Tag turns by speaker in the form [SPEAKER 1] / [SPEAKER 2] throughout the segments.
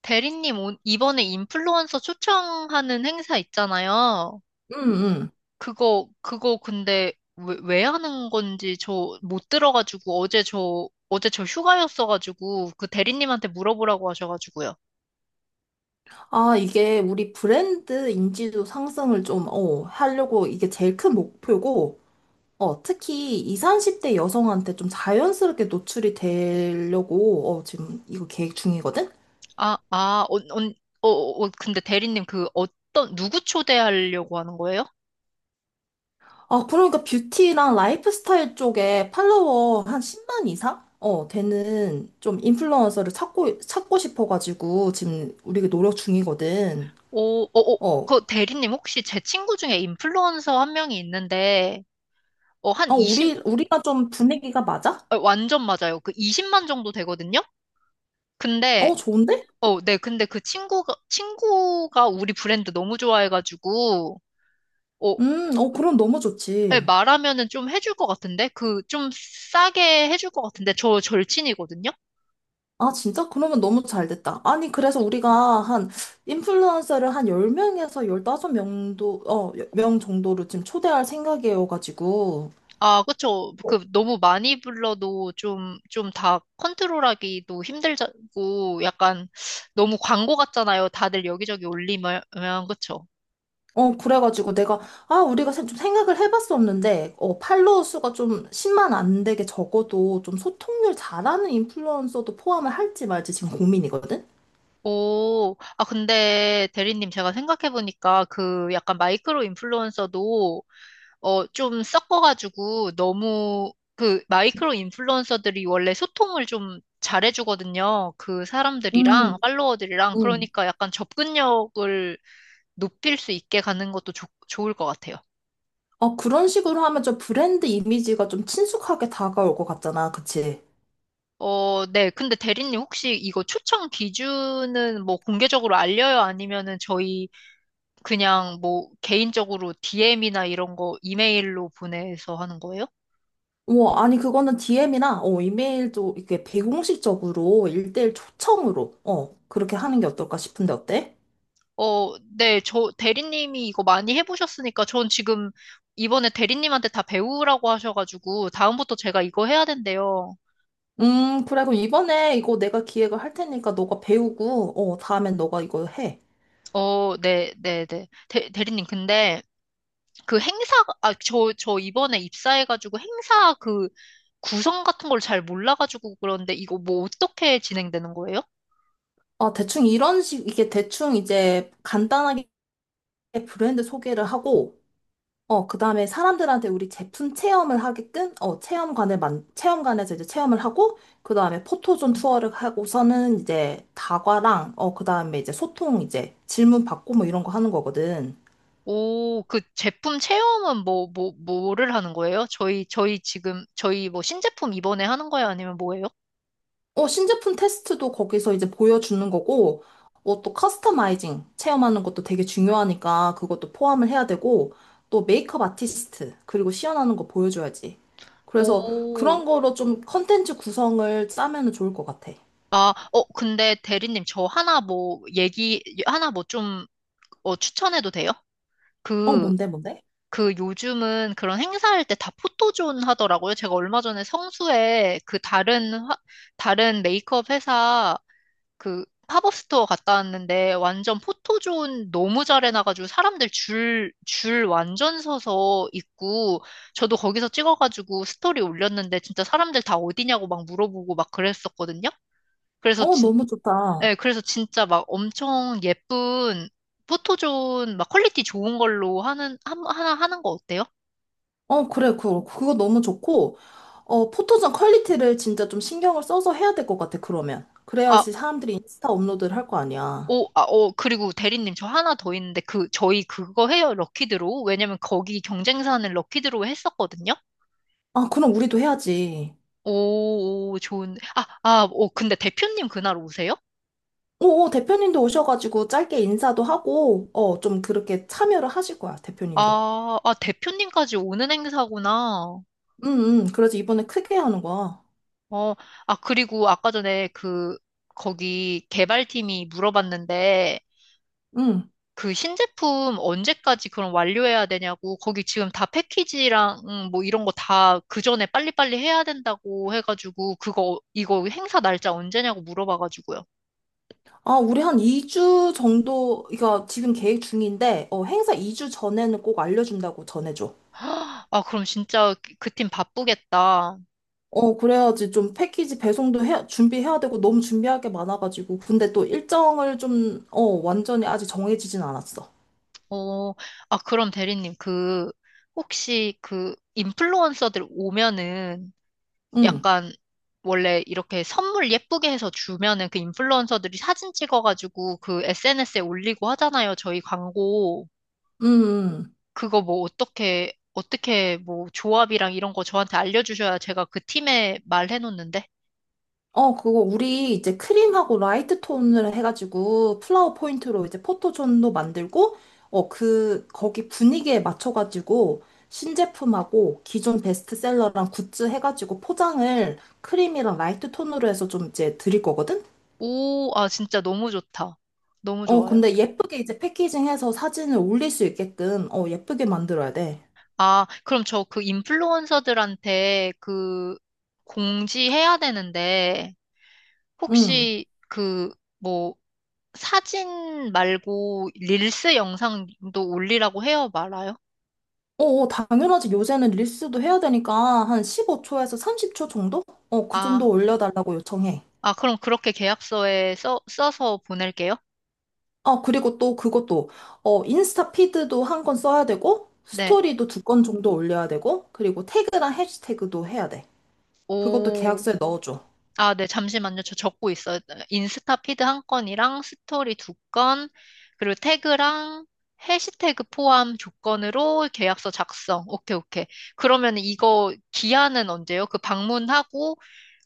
[SPEAKER 1] 대리님, 이번에 인플루언서 초청하는 행사 있잖아요.
[SPEAKER 2] 음, 음.
[SPEAKER 1] 그거 근데 왜 하는 건지 저 못 들어가지고 어제 저, 어제 저 휴가였어가지고 그 대리님한테 물어보라고 하셔가지고요.
[SPEAKER 2] 아, 이게 우리 브랜드 인지도 상승을 좀, 하려고 이게 제일 큰 목표고, 특히 20, 30대 여성한테 좀 자연스럽게 노출이 되려고, 지금 이거 계획 중이거든?
[SPEAKER 1] 아, 아, 어, 언- 어, 근데 대리님 그 어떤, 누구 초대하려고 하는 거예요?
[SPEAKER 2] 아, 그러니까 뷰티랑 라이프스타일 쪽에 팔로워 한 10만 이상? 되는 좀 인플루언서를 찾고 싶어가지고, 지금 우리가 노력 중이거든.
[SPEAKER 1] 오, 어, 어,
[SPEAKER 2] 어,
[SPEAKER 1] 그 대리님 혹시 제 친구 중에 인플루언서 한 명이 있는데, 한 20,
[SPEAKER 2] 우리가 좀 분위기가 맞아?
[SPEAKER 1] 완전 맞아요. 그 20만 정도 되거든요? 근데
[SPEAKER 2] 좋은데?
[SPEAKER 1] 어, 네. 근데 그 친구가, 친구가 우리 브랜드 너무 좋아해가지고, 어,
[SPEAKER 2] 그럼 너무
[SPEAKER 1] 네,
[SPEAKER 2] 좋지.
[SPEAKER 1] 말하면은 좀 해줄 것 같은데? 그, 좀 싸게 해줄 것 같은데? 저 절친이거든요?
[SPEAKER 2] 아, 진짜? 그러면 너무 잘 됐다. 아니, 그래서 우리가 인플루언서를 한 10명에서 15명도, 명 정도로 지금 초대할 생각이어가지고.
[SPEAKER 1] 아, 그쵸. 그, 너무 많이 불러도 좀, 좀 다 컨트롤하기도 힘들고, 약간, 너무 광고 같잖아요. 다들 여기저기 올리면, 그쵸.
[SPEAKER 2] 그래가지고 내가. 아, 우리가 좀 생각을 해봤었는데, 팔로워 수가 좀 10만 안 되게 적어도 좀 소통률 잘하는 인플루언서도 포함을 할지 말지 지금 고민이거든?
[SPEAKER 1] 근데 대리님 제가 생각해보니까 그 약간 마이크로 인플루언서도 좀 섞어가지고 너무 그 마이크로 인플루언서들이 원래 소통을 좀 잘해주거든요. 그
[SPEAKER 2] 음,
[SPEAKER 1] 사람들이랑 팔로워들이랑
[SPEAKER 2] 음.
[SPEAKER 1] 그러니까 약간 접근력을 높일 수 있게 가는 것도 좋 좋을 것 같아요.
[SPEAKER 2] 그런 식으로 하면 좀 브랜드 이미지가 좀 친숙하게 다가올 것 같잖아. 그치?
[SPEAKER 1] 네. 근데 대리님 혹시 이거 추천 기준은 뭐 공개적으로 알려요? 아니면은 저희 그냥 뭐 개인적으로 DM이나 이런 거 이메일로 보내서 하는 거예요?
[SPEAKER 2] 뭐, 아니, 그거는 DM이나, 이메일도 이렇게 비공식적으로 일대일 초청으로, 그렇게 하는 게 어떨까 싶은데, 어때?
[SPEAKER 1] 네, 저 대리님이 이거 많이 해보셨으니까 전 지금 이번에 대리님한테 다 배우라고 하셔가지고 다음부터 제가 이거 해야 된대요.
[SPEAKER 2] 그래, 그럼 이번에 이거 내가 기획을 할 테니까 너가 배우고, 다음엔 너가 이거 해.
[SPEAKER 1] 네, 네, 네. 대리님, 근데 그 행사, 아, 저, 저 이번에 입사해가지고 행사 그 구성 같은 걸 잘 몰라가지고 그런데 이거 뭐 어떻게 진행되는 거예요?
[SPEAKER 2] 아, 대충 이게 대충 이제 간단하게 브랜드 소개를 하고, 그 다음에 사람들한테 우리 제품 체험을 하게끔, 체험관을 체험관에서 이제 체험을 하고, 그 다음에 포토존 투어를 하고서는 이제 다과랑, 그 다음에 이제 소통 이제 질문 받고 뭐 이런 거 하는 거거든.
[SPEAKER 1] 오, 그 제품 체험은 뭐를 하는 거예요? 저희, 저희 지금, 저희 뭐 신제품 이번에 하는 거예요? 아니면 뭐예요?
[SPEAKER 2] 신제품 테스트도 거기서 이제 보여주는 거고, 또 커스터마이징 체험하는 것도 되게 중요하니까 그것도 포함을 해야 되고, 또 메이크업 아티스트, 그리고 시연하는 거 보여줘야지. 그래서
[SPEAKER 1] 오,
[SPEAKER 2] 그런 거로 좀 컨텐츠 구성을 짜면은 좋을 것 같아.
[SPEAKER 1] 근데 대리님, 저 하나 뭐, 얘기, 하나 뭐 좀, 추천해도 돼요? 그,
[SPEAKER 2] 뭔데, 뭔데?
[SPEAKER 1] 그 요즘은 그런 행사할 때 다 포토존 하더라고요. 제가 얼마 전에 성수에 그 다른, 다른 메이크업 회사 그 팝업 스토어 갔다 왔는데 완전 포토존 너무 잘 해놔가지고 사람들 줄, 줄 완전 서서 있고 저도 거기서 찍어가지고 스토리 올렸는데 진짜 사람들 다 어디냐고 막 물어보고 막 그랬었거든요. 그래서
[SPEAKER 2] 너무 좋다.
[SPEAKER 1] 네, 그래서 진짜 막 엄청 예쁜 포토존 막 퀄리티 좋은 걸로 하는 한, 하나 하는 거 어때요?
[SPEAKER 2] 그래, 그거 너무 좋고, 포토존 퀄리티를 진짜 좀 신경을 써서 해야 될 것 같아, 그러면.
[SPEAKER 1] 아,
[SPEAKER 2] 그래야지 사람들이 인스타 업로드를 할 거 아니야.
[SPEAKER 1] 그리고 대리님 저 하나 더 있는데 그 저희 그거 해요 럭키드로우 왜냐면 거기 경쟁사는 럭키드로우 했었거든요.
[SPEAKER 2] 아, 그럼 우리도 해야지.
[SPEAKER 1] 오, 오 좋은. 아, 아, 오 근데 대표님 그날 오세요?
[SPEAKER 2] 오, 오, 대표님도 오셔가지고 짧게 인사도 하고, 좀 그렇게 참여를 하실 거야, 대표님도.
[SPEAKER 1] 아, 아 대표님까지 오는 행사구나.
[SPEAKER 2] 응, 응. 그래서 이번에 크게 하는 거야.
[SPEAKER 1] 어, 아 그리고 아까 전에 그 거기 개발팀이 물어봤는데
[SPEAKER 2] 응.
[SPEAKER 1] 그 신제품 언제까지 그럼 완료해야 되냐고, 거기 지금 다 패키지랑 뭐 이런 거 다 그 전에 빨리빨리 해야 된다고 해가지고, 그거, 이거 행사 날짜 언제냐고 물어봐가지고요.
[SPEAKER 2] 아, 우리 한 2주 정도, 이거 지금 계획 중인데, 행사 2주 전에는 꼭 알려준다고 전해줘.
[SPEAKER 1] 아, 그럼 진짜 그 팀 바쁘겠다.
[SPEAKER 2] 그래야지 좀 패키지 배송도 해, 준비해야 되고 너무 준비할 게 많아가지고. 근데 또 일정을 좀, 완전히 아직 정해지진 않았어.
[SPEAKER 1] 어, 아, 그럼 대리님, 그, 혹시 그 인플루언서들 오면은
[SPEAKER 2] 응,
[SPEAKER 1] 약간 원래 이렇게 선물 예쁘게 해서 주면은 그 인플루언서들이 사진 찍어가지고 그 SNS에 올리고 하잖아요. 저희 광고.
[SPEAKER 2] 응, 응.
[SPEAKER 1] 그거 뭐 어떻게, 어떻게 뭐 조합이랑 이런 거 저한테 알려주셔야 제가 그 팀에 말해놓는데.
[SPEAKER 2] 그거 우리 이제 크림하고 라이트 톤을 해가지고 플라워 포인트로 이제 포토존도 만들고, 거기 분위기에 맞춰가지고 신제품하고 기존 베스트셀러랑 굿즈 해가지고 포장을 크림이랑 라이트 톤으로 해서 좀 이제 드릴 거거든?
[SPEAKER 1] 오, 아, 진짜 너무 좋다. 너무 좋아요.
[SPEAKER 2] 근데 예쁘게 이제 패키징해서 사진을 올릴 수 있게끔, 예쁘게 만들어야 돼.
[SPEAKER 1] 아, 그럼 저 그 인플루언서들한테 그 공지해야 되는데,
[SPEAKER 2] 응.
[SPEAKER 1] 혹시 그 뭐 사진 말고 릴스 영상도 올리라고 해요, 말아요?
[SPEAKER 2] 당연하지. 요새는 릴스도 해야 되니까 한 15초에서 30초 정도? 그 정도
[SPEAKER 1] 아,
[SPEAKER 2] 올려달라고 요청해.
[SPEAKER 1] 그럼 그렇게 계약서에 써서 보낼게요.
[SPEAKER 2] 아, 그리고 또 그것도, 인스타 피드도 한 건 써야 되고,
[SPEAKER 1] 네.
[SPEAKER 2] 스토리도 두 건 정도 올려야 되고, 그리고 태그랑 해시태그도 해야 돼. 그것도
[SPEAKER 1] 오.
[SPEAKER 2] 계약서에 넣어줘.
[SPEAKER 1] 아, 네, 잠시만요. 저 적고 있어요. 인스타 피드 한 건이랑 스토리 2건, 그리고 태그랑 해시태그 포함 조건으로 계약서 작성. 오케이, 오케이. 그러면 이거 기한은 언제요? 그 방문하고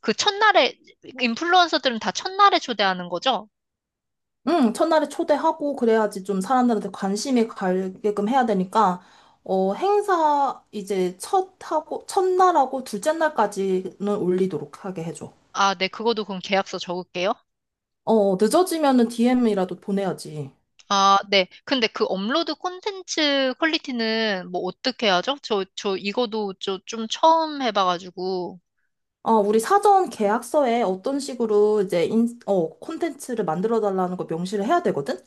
[SPEAKER 1] 그 첫날에, 인플루언서들은 다 첫날에 초대하는 거죠?
[SPEAKER 2] 응, 첫날에 초대하고 그래야지 좀 사람들한테 관심이 가게끔 해야 되니까, 행사 이제 첫날하고 둘째 날까지는 올리도록 하게 해줘.
[SPEAKER 1] 아, 네, 그거도 그럼 계약서 적을게요.
[SPEAKER 2] 늦어지면은 DM이라도 보내야지.
[SPEAKER 1] 아, 네. 근데 그 업로드 콘텐츠 퀄리티는 뭐 어떻게 하죠? 저, 저 이거도 저 좀 처음 해봐가지고.
[SPEAKER 2] 우리 사전 계약서에 어떤 식으로 이제 콘텐츠를 만들어 달라는 거 명시를 해야 되거든?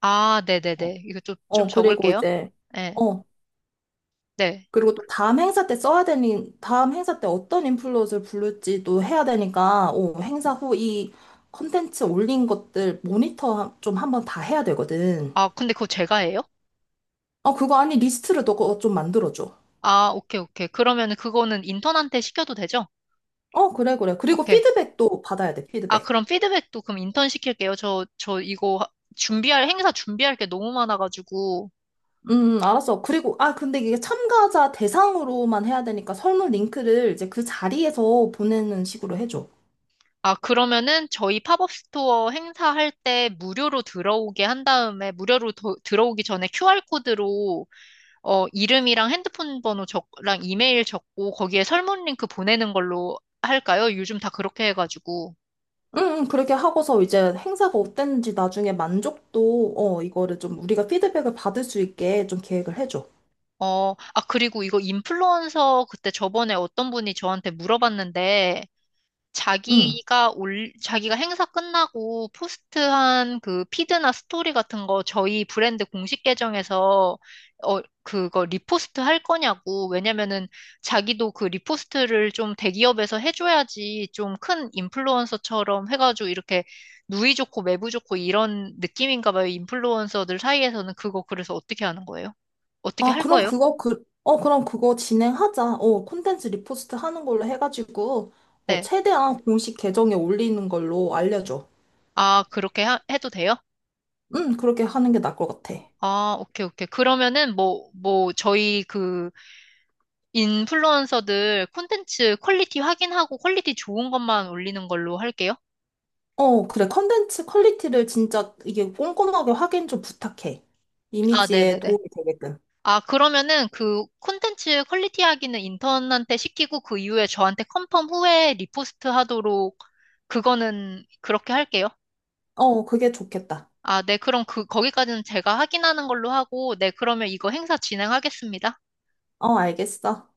[SPEAKER 1] 아,
[SPEAKER 2] 어,
[SPEAKER 1] 네네네. 이거 좀, 좀
[SPEAKER 2] 그리고
[SPEAKER 1] 적을게요.
[SPEAKER 2] 이제,
[SPEAKER 1] 네,
[SPEAKER 2] 어,
[SPEAKER 1] 네.
[SPEAKER 2] 그리고 또 다음 행사 때 써야 되니, 다음 행사 때 어떤 인플루언서를 부를지도 해야 되니까, 행사 후 이 컨텐츠 올린 것들 모니터 좀 한번 다 해야 되거든.
[SPEAKER 1] 아, 근데 그거 제가 해요?
[SPEAKER 2] 그거 아니, 리스트를 너가 좀 만들어줘.
[SPEAKER 1] 아, 오케이, 오케이. 그러면 그거는 인턴한테 시켜도 되죠?
[SPEAKER 2] 그래, 그래. 그리고
[SPEAKER 1] 오케이.
[SPEAKER 2] 피드백도 받아야 돼,
[SPEAKER 1] 아,
[SPEAKER 2] 피드백.
[SPEAKER 1] 그럼 피드백도 그럼 인턴 시킬게요. 저, 저 준비할, 행사 준비할 게 너무 많아가지고.
[SPEAKER 2] 알았어. 그리고, 아, 근데 이게 참가자 대상으로만 해야 되니까 설문 링크를 이제 그 자리에서 보내는 식으로 해줘.
[SPEAKER 1] 아, 그러면은 저희 팝업 스토어 행사할 때 무료로 들어오게 한 다음에, 들어오기 전에 QR코드로 이름이랑 핸드폰 번호 적랑 이메일 적고 거기에 설문 링크 보내는 걸로 할까요? 요즘 다 그렇게 해가지고.
[SPEAKER 2] 응, 응, 그렇게 하고서 이제 행사가 어땠는지 나중에 만족도, 이거를 좀 우리가 피드백을 받을 수 있게 좀 계획을 해줘.
[SPEAKER 1] 아, 그리고 이거 인플루언서 그때 저번에 어떤 분이 저한테 물어봤는데,
[SPEAKER 2] 응.
[SPEAKER 1] 자기가 행사 끝나고 포스트한 그 피드나 스토리 같은 거 저희 브랜드 공식 계정에서 그거 리포스트 할 거냐고. 왜냐면은 자기도 그 리포스트를 좀 대기업에서 해줘야지 좀 큰 인플루언서처럼 해가지고 이렇게 누이 좋고 매부 좋고 이런 느낌인가 봐요. 인플루언서들 사이에서는 그거 그래서 어떻게 하는 거예요? 어떻게
[SPEAKER 2] 아,
[SPEAKER 1] 할 거예요?
[SPEAKER 2] 그럼 그거 진행하자. 콘텐츠 리포스트 하는 걸로 해가지고,
[SPEAKER 1] 네.
[SPEAKER 2] 최대한 공식 계정에 올리는 걸로 알려줘.
[SPEAKER 1] 아, 해도 돼요?
[SPEAKER 2] 응, 그렇게 하는 게 나을 것 같아.
[SPEAKER 1] 아, 오케이, 오케이. 그러면은 뭐, 뭐, 저희 그 인플루언서들 콘텐츠 퀄리티 확인하고 퀄리티 좋은 것만 올리는 걸로 할게요.
[SPEAKER 2] 그래. 콘텐츠 퀄리티를 진짜 이게 꼼꼼하게 확인 좀 부탁해.
[SPEAKER 1] 아,
[SPEAKER 2] 이미지에
[SPEAKER 1] 네네네.
[SPEAKER 2] 도움이 되게끔.
[SPEAKER 1] 아, 그러면은 그 콘텐츠 퀄리티 확인은 인턴한테 시키고 그 이후에 저한테 컨펌 후에 리포스트 하도록 그거는 그렇게 할게요.
[SPEAKER 2] 그게 좋겠다.
[SPEAKER 1] 아, 네. 그럼 그, 거기까지는 제가 확인하는 걸로 하고, 네. 그러면 이거 행사 진행하겠습니다.
[SPEAKER 2] 알겠어.